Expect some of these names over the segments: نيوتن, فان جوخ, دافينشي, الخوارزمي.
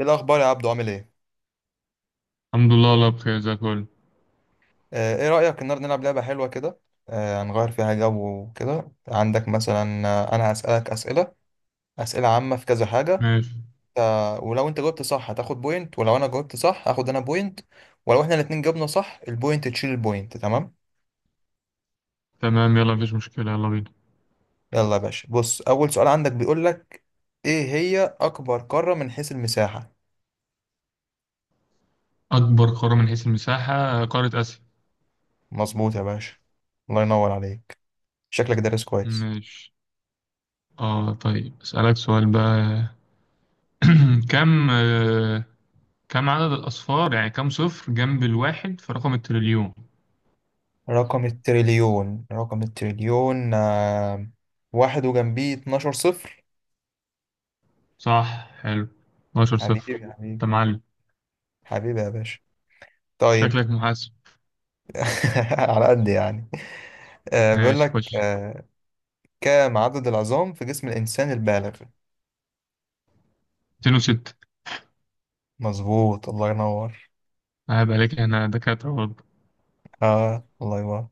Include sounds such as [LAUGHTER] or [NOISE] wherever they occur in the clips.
ايه الاخبار يا عبدو عامل ايه؟ الحمد لله، والله بخير زي الفل. ايه رايك النهارده نلعب لعبه حلوه كده. هنغير فيها جو وكده. عندك مثلا، انا هسالك اسئله، اسئله عامه في كذا حاجه. ماشي. ولو انت جاوبت صح هتاخد بوينت، ولو انا جاوبت صح هاخد انا بوينت. ولو احنا الاتنين جاوبنا صح البوينت تشيل البوينت. تمام؟ تمام، يلا مفيش مشكلة، يلا بينا. يلا يا باشا، بص اول سؤال عندك بيقول لك ايه هي اكبر قاره من حيث المساحه. أكبر قارة من حيث المساحة قارة آسيا. مظبوط يا باشا. الله ينور عليك. شكلك دارس كويس. ماشي. اه طيب، أسألك سؤال بقى. [CLEARS THROAT] كم كم عدد الأصفار؟ يعني كم صفر جنب الواحد في رقم التريليون؟ رقم التريليون واحد وجنبيه 12 صفر. صح، حلو، 12 حبيبي يا صفر. حبيبي. أنت معلم، حبيبي يا باشا. طيب. شكلك محاسب. [LAUGHS] على قد يعني. بيقول ماشي لك خش. كم عدد العظام في جسم الإنسان البالغ؟ 206. مظبوط. الله ينور. عيب عليك، احنا دكاترة برضه. اه، الله ينور.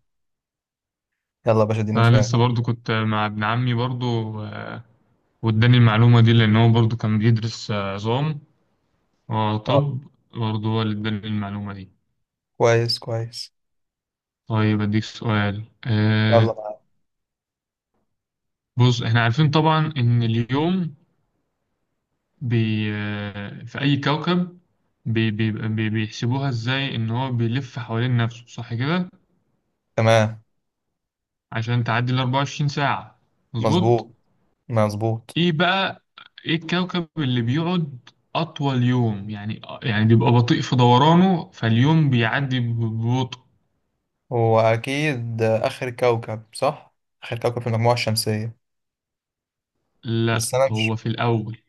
يلا يا باشا، اديني فأنا سؤال. لسه برضه كنت مع ابن عمي برضه، آه، واداني المعلومة دي لأن هو برضه كان بيدرس عظام. اه آه، طب، برضه هو اللي اداني المعلومة دي. كويس كويس. طيب اديك سؤال يلا آه. بقى. بص احنا عارفين طبعا ان اليوم بي آه في اي كوكب، بي بي بي بيحسبوها ازاي؟ ان هو بيلف حوالين نفسه، صح كده؟ تمام. عشان تعدي ال 24 ساعة. مظبوط. مظبوط. مظبوط. ايه بقى ايه الكوكب اللي بيقعد اطول يوم؟ يعني بيبقى بطيء في دورانه فاليوم بيعدي ببطء. هو أكيد آخر كوكب، صح؟ آخر كوكب في المجموعة الشمسية. لا، بس أنا مش. هو في الاول،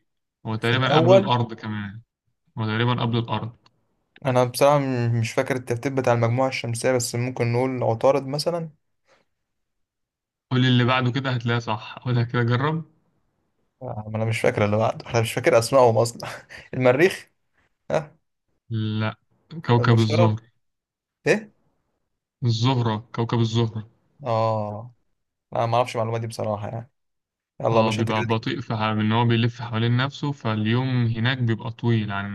هو في تقريبا قبل الأول. الارض كمان، وتقريبا قبل الأرض. أنا بصراحة مش فاكر الترتيب بتاع المجموعة الشمسية، بس ممكن نقول عطارد مثلا. قول لي اللي بعده كده هتلاقيه صح، أقولها كده، جرب. ما أنا مش فاكر اللي بعده. أنا مش فاكر أسمائهم أصلا. [LAUGHS] المريخ. ها. لا، كوكب المشتري. الزهر، إيه؟ الزهرة، كوكب الزهرة. آه. أنا ما أعرفش المعلومات دي بصراحة يعني. يلا يا اه باشا، أنت بيبقى كده ليك. بطيء في ان هو بيلف حوالين نفسه، فاليوم هناك بيبقى طويل عن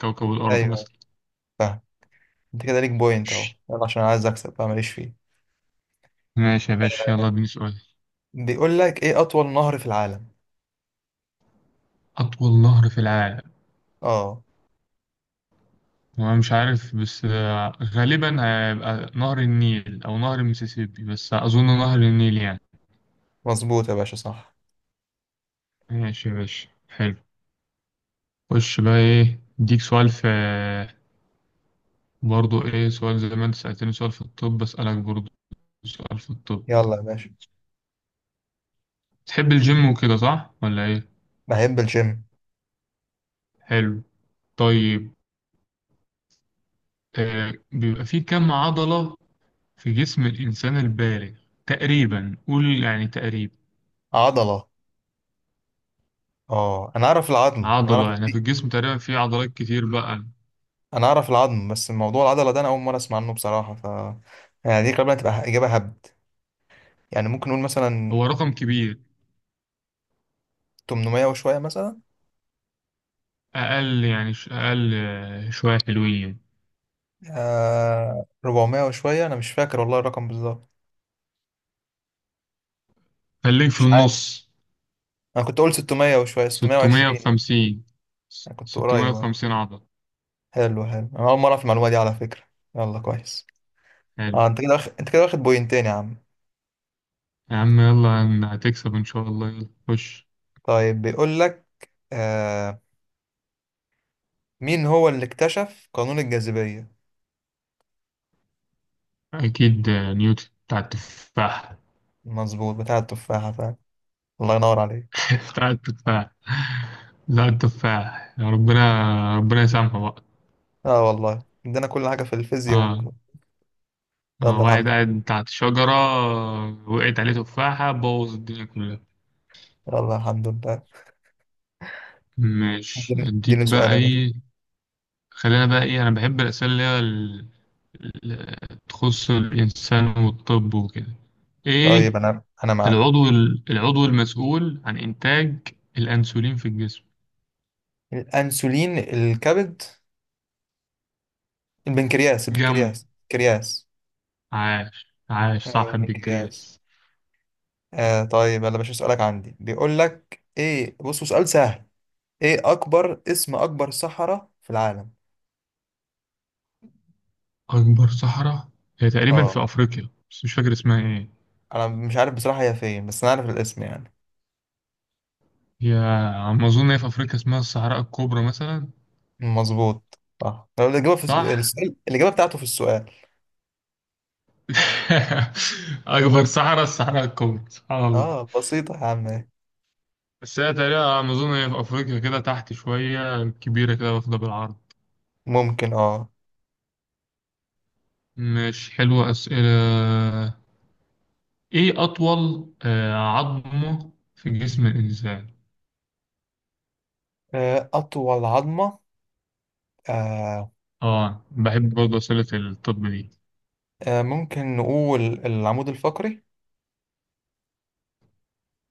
كوكب [LAUGHS] الأرض أيوه أيوه. مثلا. فاهم. أنت كده ليك بوينت أهو، ماشي، يلا عشان أنا عايز أكسب بقى، ماليش فيه. ماشي يا باشا، يلا اديني سؤال. بيقول لك إيه أطول نهر في العالم؟ أطول نهر في العالم، آه. هو مش عارف بس غالبا هيبقى نهر النيل أو نهر المسيسيبي، بس أظن نهر النيل يعني. مظبوط يا باشا، صح. ماشي يا باشا، حلو. خش بقى، ايه اديك سؤال في، برضو ايه سؤال زي ما انت سألتني سؤال في الطب بسألك برضو سؤال في الطب. يلا يا باشا. تحب الجيم وكده صح ولا ايه؟ بحب الجيم. حلو. طيب. آه بيبقى في كم عضلة في جسم الإنسان البالغ؟ تقريبا قول، يعني تقريبا عضلة. آه، أنا أعرف العظم، أنا أعرف. عضلة، يعني في الجسم تقريبا في عضلات كتير بقى، انا اعرف العظم، بس موضوع العضله ده انا اول مره اسمع عنه بصراحه، ف يعني دي غالبا هتبقى اجابه هبد. يعني ممكن نقول مثلا هو رقم كبير. 800 وشويه مثلا. أقل، يعني أقل شوية حلوين. آه 400 وشويه، انا مش فاكر والله الرقم بالظبط. خليك في مش عارف. النص. انا كنت اقول 600 وشويه، 620. 650. انا كنت قريب اهو. 650 عضلة. حلو حلو، انا اول مره اعرف المعلومه دي على فكره. يلا كويس. حلو. اه انت كده واخد، انت كده واخد بوينتين يا عم. يا عم يلا هتكسب إن شاء الله، يلا خش. طيب بيقول لك آه، مين هو اللي اكتشف قانون الجاذبيه؟ أكيد نيوتن بتاع التفاح. مظبوط، بتاع التفاحه فعلا. الله ينور عليك. [LAUGHS] بتاع التفاح، بتاع التفاح يا ربنا، ربنا يسامحه بقى. اه والله، عندنا كل حاجة في الفيزياء آه. آه. يلا الحمد واحد لله. قاعد تحت شجرة، وقعت عليه تفاحة بوظ الدنيا كلها. يلا الحمد لله. ماشي اديني اديني أديك سؤال بقى يا باشا. إيه. خلينا بقى إيه، أنا بحب الأسئلة اللي هي ال- تخص الإنسان والطب وكده. طيب، إيه انا معاك اهو. العضو العضو المسؤول عن إنتاج الأنسولين في الجسم؟ الانسولين، الكبد، البنكرياس، جنب. البنكرياس، البنكرياس. عاش، عاش، ايوه صح البنكرياس. البنكرياس. آه طيب، يلا يا باشا، سؤالك عندي بيقول لك ايه. بصوا سؤال سهل. ايه اكبر اسم اكبر صحراء في العالم؟ أكبر صحراء، هي تقريبا اه، في أفريقيا بس مش فاكر اسمها إيه. انا مش عارف بصراحة هي فين، بس انا عارف الاسم يعني. هي على ما أظن هي في أفريقيا، اسمها الصحراء الكبرى مثلا. مظبوط صح. لو الاجابة في صح؟ السؤال، الاجابة بتاعته في السؤال. [LAUGHS] أكبر صحراء الصحراء الكبرى، سبحان الله. اه بسيطة يا عم. بس هي تقريبا على ما أظن هي في أفريقيا كده تحت شوية، كبيرة كده واخدة بالعرض. ممكن، اه. مش حلوة أسئلة. إيه أطول عظمة في جسم الإنسان؟ أطول عظمة. آه، آه بحب برضه أسئلة الطب دي. ممكن نقول العمود الفقري.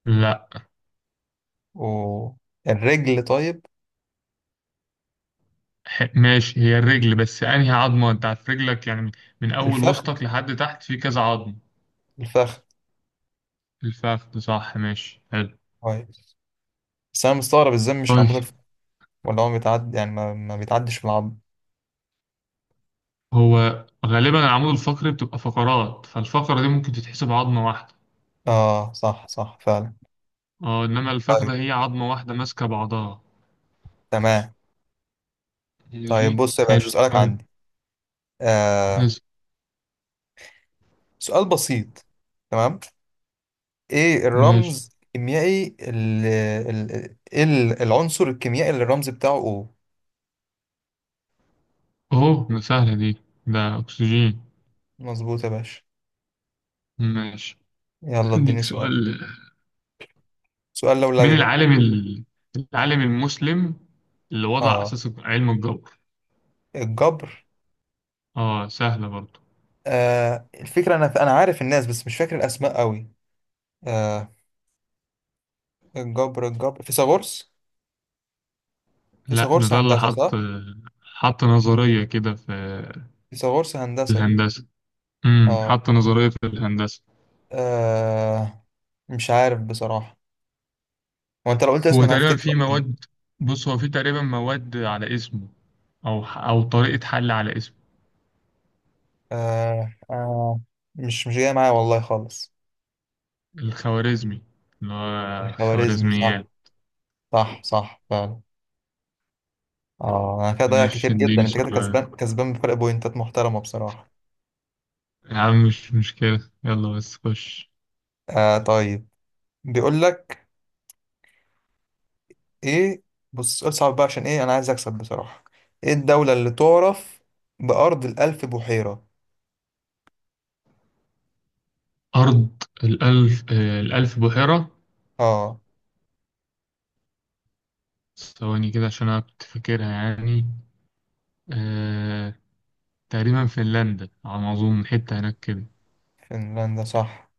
لا. والرجل طيب. ماشي، هي الرجل، بس انهي عظمة؟ انت عارف رجلك يعني من اول الفخذ. وسطك لحد تحت في كذا عظم. الفخذ. الفخذ، صح، ماشي حلو. طيب. بس أنا مستغرب إزاي مش العمود طيب، الفقري، ولا هو بيتعدي يعني ما بيتعدش في العظم. هو غالبا العمود الفقري بتبقى فقرات، فالفقرة دي ممكن تتحسب عظمة واحدة. آه صح صح فعلا. اه انما الفخذة طيب. هي عظمة واحدة ماسكة بعضها. تمام. طيب، ماشي بص يا باشا حلو سؤالك طيب، عندي. آه بس سؤال بسيط. تمام. إيه ماشي. الرمز الكيميائي إيه العنصر الكيميائي اللي الرمز بتاعه O؟ اهو ده سهلة دي، ده اكسجين. مظبوط يا باشا. ماشي. يلا عندك اديني سؤال. سؤال. سؤال مين لولبي بقى. العالم العالم المسلم اللي وضع اه اساس علم الجبر؟ الجبر. اه سهلة برضه. آه الفكرة، انا عارف الناس بس مش فاكر الاسماء قوي. آه الجبر فيثاغورس. لا، ده فيثاغورس ده اللي هندسة، صح. حط نظرية كده في فيثاغورس في هندسة. الهندسة. امم، اه. حط نظرية في الهندسة. آه. مش عارف بصراحة. هو انت لو قلت اسم هو انا تقريبا هفتكره في اكيد. مواد، بص هو في تقريبا مواد على اسمه، أو طريقة حل على اسمه. آه. آه. مش جاي معايا والله خالص. الخوارزمي، اللي هو خوارزمي، صح. خوارزميات. صح صح فعلا. اه انا كده ضايع مش كتير جدا، اديني انت كده سؤال كسبان كسبان بفرق بوينتات محترمة بصراحة. يا عم؟ مش مشكلة يلا، بس خش. آه طيب، بيقول لك ايه. بص، سؤال صعب بقى عشان ايه، انا عايز اكسب بصراحة. ايه الدولة اللي تعرف بأرض الألف بحيرة؟ أرض الألف الألف بحيرة. اه ثواني كده عشان أنا كنت فاكرها يعني. أه... تقريبا فنلندا على ما أظن، حتة هناك كده. فنلندا صح.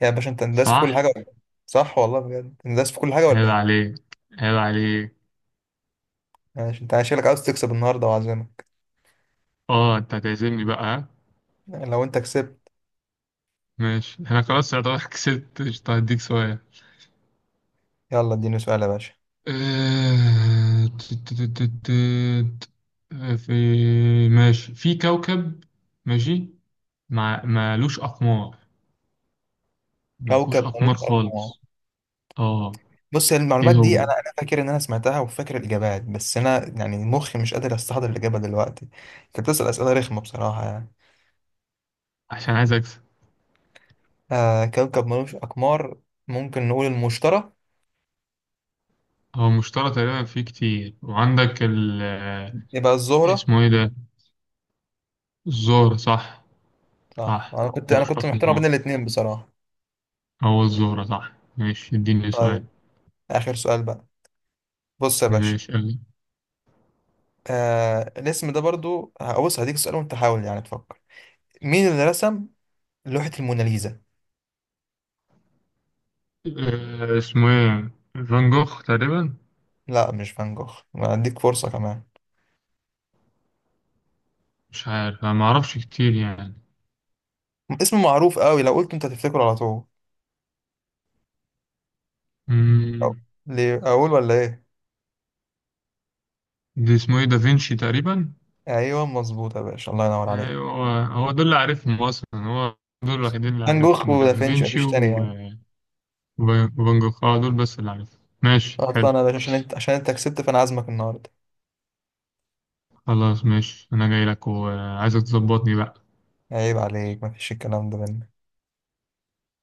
يا باشا انت انداس في كل صح. حاجة ولا إيه؟ صح والله بجد، انداس في كل حاجة ولا عيب ايه. عليك، عيب عليك. ماشي، انت شكلك عاوز تكسب النهاردة وعزمك. اه انت هتعزمني بقى ها؟ لو انت كسبت. ماشي انا خلاص يعتبر [LAUGHS] كسبت قشطة، هديك سؤال. يلا اديني سؤال يا باشا. آه، تت- تت- تت- تت. آه، في ماشي في كوكب، ماشي، ما مالوش اقمار، ما فيهوش كوكب اقمار ملوش اقمار. خالص. اه. بص ايه المعلومات دي، انا هو؟ انا فاكر ان انا سمعتها وفاكر الاجابات، بس انا يعني مخي مش قادر استحضر الاجابه دلوقتي. انت بتسال اسئله رخمه بصراحه يعني. عشان عايز اكسب. آه كوكب ملوش اقمار. ممكن نقول المشتري. هو مشترى تقريبا فيه كتير. وعندك ال يبقى الزهرة. اسمه ايه ده، الزهر، صح. اه صح، انا كنت انا ملوش كنت محتار ما اقمار، بين الاتنين بصراحة. هو الزهرة، صح. ماشي اديني سؤال. طيب، اخر سؤال بقى. بص يا باشا. ماشي قال لي. آه الاسم ده برضو هبص هديك سؤال، وانت حاول يعني تفكر. مين اللي رسم لوحة الموناليزا؟ أه اسمه ايه، فان جوخ تقريبا. لا مش فان جوخ، ما هديك فرصة كمان. مش عارف، انا معرفش كتير يعني. اسم معروف قوي لو قلت انت هتفتكره على طول. أو- مم. ليه اقول ولا ايه؟ دي اسمه ايه، دافينشي تقريبا. ايوه مظبوط يا باشا، الله ينور عليك. ايوه هو دول اللي عارفهم اصلا، هو دول الوحيدين اللي فان جوخ عارفهم، ودافنشي دافينشي مفيش تاني يعني. و وفان جوخ، اه دول بس اللي عارفهم. ماشي اصلا حلو. انا يا باشا، عشان انت، عشان انت كسبت فانا عازمك النهارده. خلاص ماشي، انا جاي لك وعايزك تظبطني بقى. عيب عليك، مفيش الكلام ده مني.